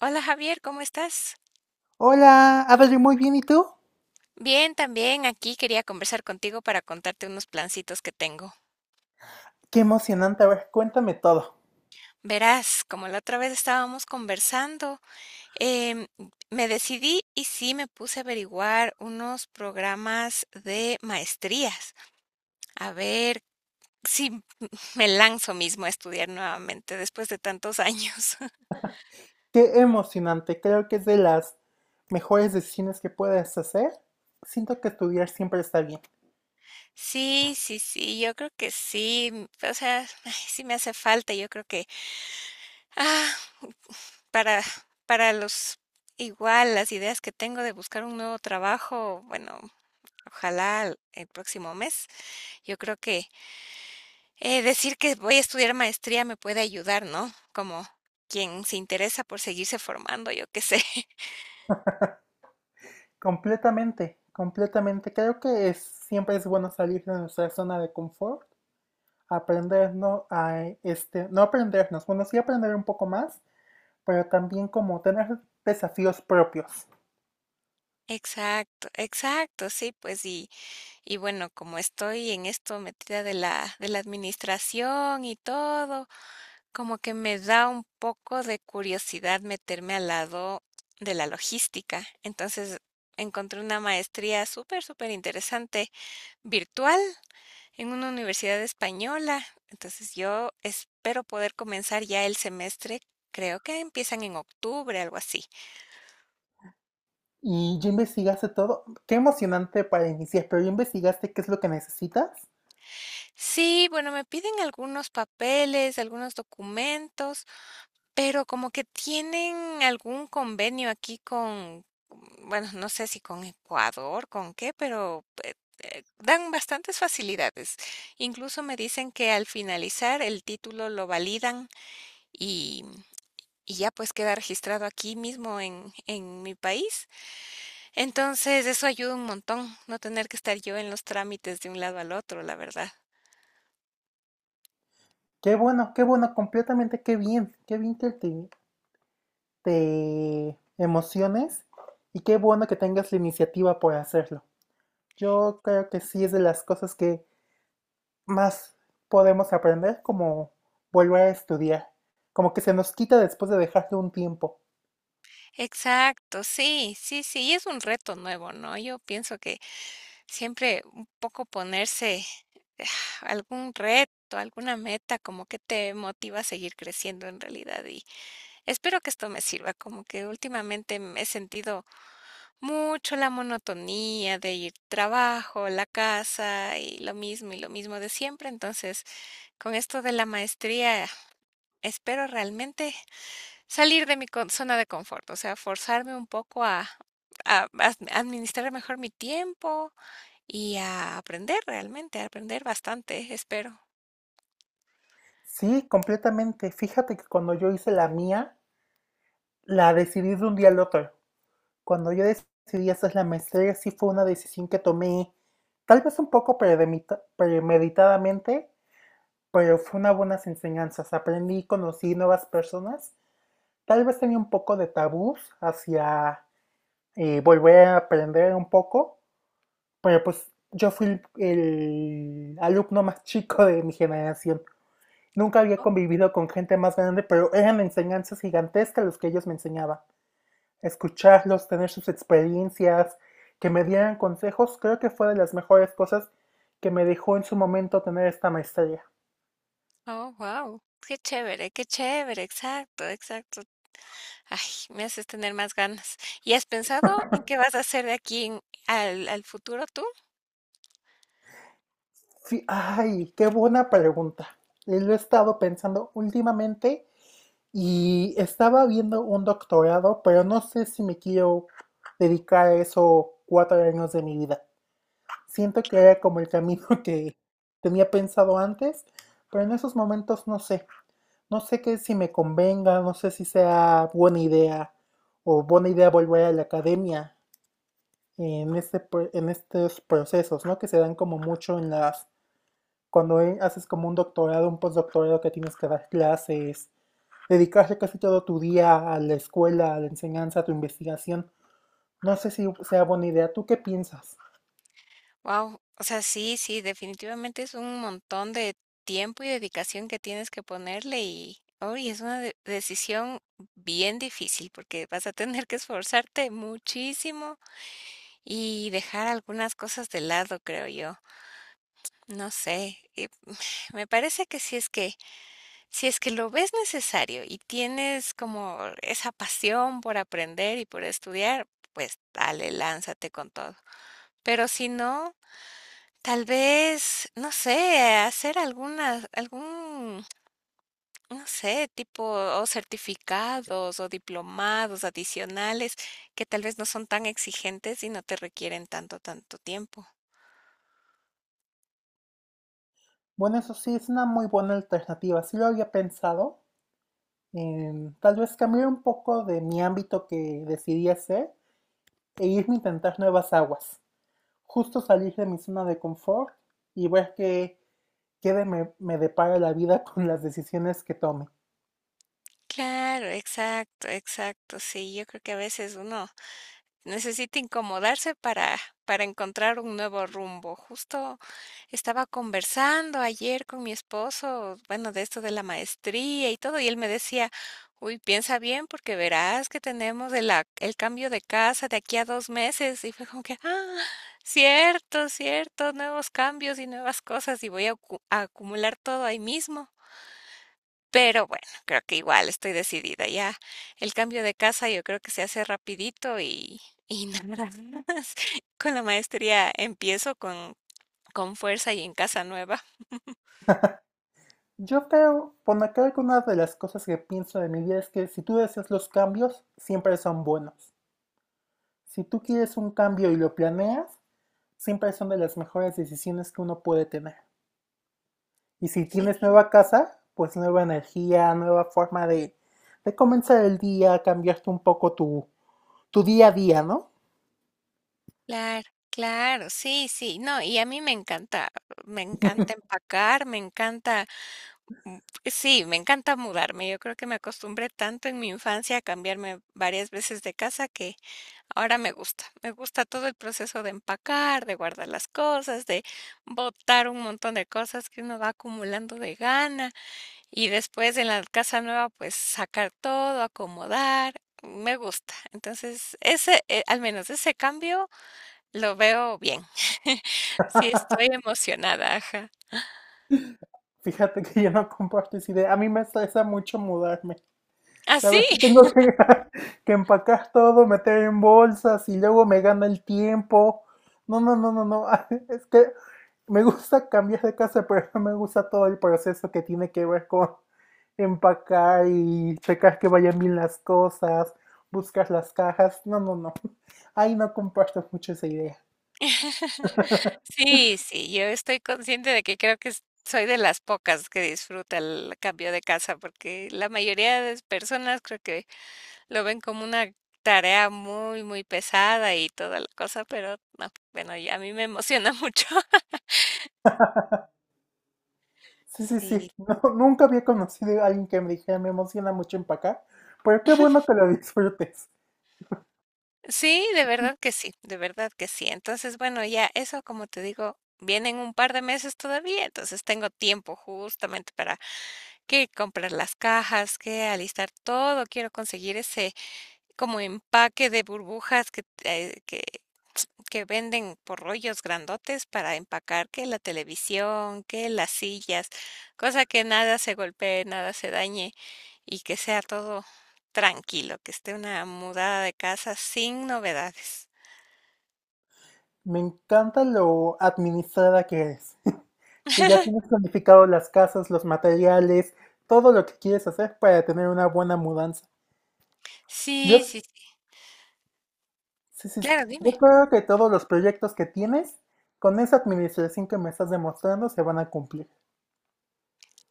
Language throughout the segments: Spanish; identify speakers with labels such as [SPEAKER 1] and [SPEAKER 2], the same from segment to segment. [SPEAKER 1] Hola Javier, ¿cómo estás?
[SPEAKER 2] Hola, Adri, muy bien, ¿y tú?
[SPEAKER 1] Bien, también aquí quería conversar contigo para contarte unos plancitos que tengo.
[SPEAKER 2] Qué emocionante, a ver, cuéntame todo.
[SPEAKER 1] Verás, como la otra vez estábamos conversando, em, me decidí y sí me puse a averiguar unos programas de maestrías, a ver si me lanzo mismo a estudiar nuevamente después de tantos años.
[SPEAKER 2] Qué emocionante, creo que es de las mejores decisiones que puedes hacer. Siento que estudiar siempre está bien.
[SPEAKER 1] Sí, sí, sí, yo creo que sí, o sea, ay, sí me hace falta, yo creo que... Ah, Para para los igual las ideas que tengo de buscar un nuevo trabajo, bueno, ojalá el próximo mes. Yo creo que decir que voy a estudiar maestría me puede ayudar, ¿no? Como quien se interesa por seguirse formando, yo qué sé.
[SPEAKER 2] Completamente, completamente. Creo que es, siempre es bueno salir de nuestra zona de confort, aprendernos a, no aprendernos, bueno, sí aprender un poco más, pero también como tener desafíos propios.
[SPEAKER 1] Exacto, exacto, sí, pues, y bueno, como estoy en esto metida de la administración y todo, como que me da un poco de curiosidad meterme al lado de la logística. Entonces, encontré una maestría súper, súper interesante, virtual, en una universidad española. Entonces, yo espero poder comenzar ya el semestre. Creo que empiezan en octubre, algo así.
[SPEAKER 2] Y ya investigaste todo. Qué emocionante para iniciar, pero ya investigaste qué es lo que necesitas.
[SPEAKER 1] Sí, bueno, me piden algunos papeles, algunos documentos. Pero como que tienen algún convenio aquí con, bueno, no sé si con Ecuador, con qué, pero dan bastantes facilidades. Incluso me dicen que al finalizar el título lo validan y, y ya pues queda registrado aquí mismo en mi país. Entonces eso ayuda un montón, no tener que estar yo en los trámites de un lado al otro, la verdad.
[SPEAKER 2] Qué bueno, completamente, qué bien, qué bien que te emociones y qué bueno que tengas la iniciativa por hacerlo. Yo creo que sí es de las cosas que más podemos aprender, como volver a estudiar, como que se nos quita después de dejarlo un tiempo.
[SPEAKER 1] Exacto, sí, sí, sí, y es un reto nuevo, ¿no? Yo pienso que siempre un poco ponerse eh, algún reto, alguna meta, como que te motiva a seguir creciendo en realidad. Y espero que esto me sirva, como que últimamente me he sentido mucho la monotonía de ir trabajo, la casa y lo mismo de siempre. Entonces, con esto de la maestría, espero realmente salir de mi zona de confort, o sea, forzarme un poco a... a administrar mejor mi tiempo, y a aprender realmente, a aprender bastante, espero.
[SPEAKER 2] Sí, completamente. Fíjate que cuando yo hice la mía, la decidí de un día al otro. Cuando yo decidí hacer la maestría, sí fue una decisión que tomé, tal vez un poco premeditadamente, pero fue una buenas enseñanzas. Aprendí, conocí nuevas personas. Tal vez tenía un poco de tabús hacia volver a aprender un poco, pero pues yo fui el alumno más chico de mi generación. Nunca había
[SPEAKER 1] Oh,
[SPEAKER 2] convivido con gente más grande, pero eran enseñanzas gigantescas los que ellos me enseñaban. Escucharlos, tener sus experiencias, que me dieran consejos, creo que fue de las mejores cosas que me dejó en su momento tener esta maestría.
[SPEAKER 1] oh, wow. Qué chévere, exacto, exacto. Ay, me haces tener más ganas. ¿Y has pensado en qué vas a hacer de aquí al, al futuro tú?
[SPEAKER 2] Sí, ay, qué buena pregunta. Lo he estado pensando últimamente y estaba viendo un doctorado, pero no sé si me quiero dedicar a eso cuatro años de mi vida. Siento que era como el camino que tenía pensado antes, pero en esos momentos no sé. No sé qué si me convenga, no sé si sea buena idea o buena idea volver a la academia en en estos procesos, ¿no? Que se dan como mucho en las cuando haces como un doctorado, un postdoctorado que tienes que dar clases, dedicarse casi todo tu día a la escuela, a la enseñanza, a tu investigación. No sé si sea buena idea. ¿Tú qué piensas?
[SPEAKER 1] Wow, o sea, sí, sí, definitivamente es un montón de tiempo y dedicación que tienes que ponerle y hoy es una decisión bien difícil porque vas a tener que esforzarte muchísimo y dejar algunas cosas de lado, creo yo. No sé, y me parece que si es que lo ves necesario y tienes como esa pasión por aprender y por estudiar, pues dale, lánzate con todo. Pero si no, tal vez, no sé, hacer algunas algún, no sé, tipo, o certificados o diplomados adicionales que tal vez no son tan exigentes y no te requieren tanto, tanto tiempo.
[SPEAKER 2] Bueno, eso sí, es una muy buena alternativa. Sí lo había pensado. Tal vez cambiar un poco de mi ámbito que decidí hacer e irme a intentar nuevas aguas. Justo salir de mi zona de confort y ver qué, me depara la vida con las decisiones que tome.
[SPEAKER 1] Claro, exacto, exacto. Sí, yo creo que a veces uno necesita incomodarse para encontrar un nuevo rumbo. Justo estaba conversando ayer con mi esposo, bueno, de esto de la maestría y todo, y él me decía, uy, piensa bien porque verás que tenemos el cambio de casa de aquí a dos meses. Y fue como que, ah, cierto, cierto, nuevos cambios y nuevas cosas y voy a acumular todo ahí mismo. Pero bueno, creo que igual estoy decidida ya. El cambio de casa yo creo que se hace rapidito y nada más. Con la maestría empiezo con fuerza y en casa nueva.
[SPEAKER 2] Yo creo, por lo que algunas de las cosas que pienso de mi vida es que si tú deseas los cambios, siempre son buenos. Si tú quieres un cambio y lo planeas, siempre son de las mejores decisiones que uno puede tener. Y si tienes
[SPEAKER 1] Sí,
[SPEAKER 2] nueva casa, pues nueva energía, nueva forma de comenzar el día, cambiarte un poco tu día a día, ¿no?
[SPEAKER 1] claro, claro, sí, sí. No, y a mí me encanta empacar, me encanta, mm, sí, me encanta mudarme. Yo creo que me acostumbré tanto en mi infancia a cambiarme varias veces de casa que ahora me gusta todo el proceso de empacar, de guardar las cosas, de botar un montón de cosas que uno va acumulando de gana y después en la casa nueva pues sacar todo, acomodar, me gusta. Entonces, ese, al menos ese cambio lo veo bien. Sí, estoy emocionada, ajá.
[SPEAKER 2] Fíjate que yo no comparto esa idea. A mí me estresa mucho mudarme.
[SPEAKER 1] ¿Ah, sí?
[SPEAKER 2] ¿Sabes que que empacar todo, meter en bolsas y luego me gana el tiempo? No, no, no, no, no. Es que me gusta cambiar de casa, pero no me gusta todo el proceso que tiene que ver con empacar y checar que vayan bien las cosas, buscar las cajas. No, no, no. Ahí no comparto mucho esa idea.
[SPEAKER 1] Sí, sí, yo estoy consciente de que creo que soy de las pocas que disfruta el cambio de casa, porque la mayoría de las personas creo que lo ven como una tarea muy, muy pesada y toda la cosa, pero no, bueno, y a mí me emociona mucho.
[SPEAKER 2] Sí, sí, sí.
[SPEAKER 1] Sí.
[SPEAKER 2] No, nunca había conocido a alguien que me dijera, me emociona mucho empacar, pero qué bueno que lo disfrutes.
[SPEAKER 1] Sí, de verdad que sí, de verdad que sí. Entonces, bueno, ya eso, como te digo, vienen un par de meses todavía, entonces tengo tiempo justamente para que comprar las cajas, que alistar todo. Quiero conseguir ese como empaque de burbujas que que venden por rollos grandotes para empacar que la televisión, que las sillas, cosa que nada se golpee, nada se dañe y que sea todo tranquilo, que esté una mudada de casa sin novedades.
[SPEAKER 2] Me encanta lo administrada que eres, que ya tienes planificado las casas, los materiales, todo lo que quieres hacer para tener una buena mudanza. Yo,
[SPEAKER 1] Sí, sí, sí,
[SPEAKER 2] sí, sí, sí,
[SPEAKER 1] claro,
[SPEAKER 2] yo
[SPEAKER 1] dime.
[SPEAKER 2] creo que todos los proyectos que tienes, con esa administración que me estás demostrando, se van a cumplir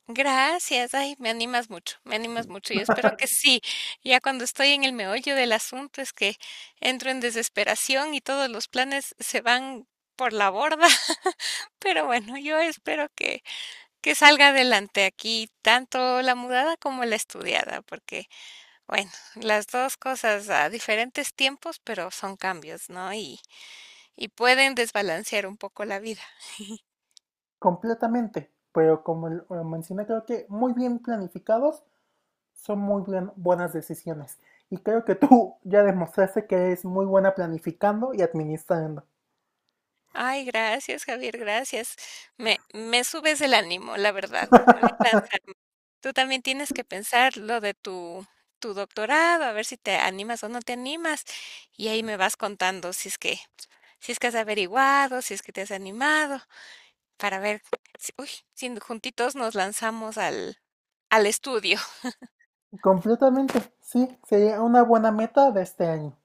[SPEAKER 1] Gracias, ay, me animas mucho, me animas mucho. Yo espero que sí. Ya cuando estoy en el meollo del asunto es que entro en desesperación y todos los planes se van por la borda. Pero bueno, yo espero que salga adelante aquí tanto la mudada como la estudiada, porque bueno, las dos cosas a diferentes tiempos, pero son cambios, ¿no? Y pueden desbalancear un poco la vida.
[SPEAKER 2] completamente. Pero como lo mencioné, creo que muy bien planificados son buenas decisiones. Y creo que tú ya demostraste que eres muy buena planificando y administrando.
[SPEAKER 1] Ay, gracias, Javier, gracias. Me subes el ánimo, la verdad. Voy a lanzarme. Tú también tienes que pensar lo de tu doctorado, a ver si te animas o no te animas. Y ahí me vas contando si es que has averiguado, si es que te has animado, para ver si, uy, si juntitos nos lanzamos al, al estudio.
[SPEAKER 2] Completamente, sí, sería una buena meta de este año.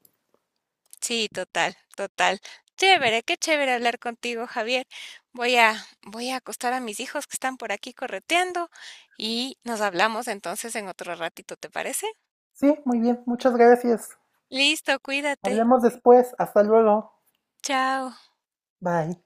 [SPEAKER 1] Sí, total, total. Chévere, qué chévere hablar contigo, Javier. Voy a, voy a acostar a mis hijos que están por aquí correteando y nos hablamos entonces en otro ratito, ¿te parece?
[SPEAKER 2] Sí, muy bien, muchas gracias.
[SPEAKER 1] Listo, cuídate.
[SPEAKER 2] Hablemos después. Hasta luego.
[SPEAKER 1] Chao.
[SPEAKER 2] Bye.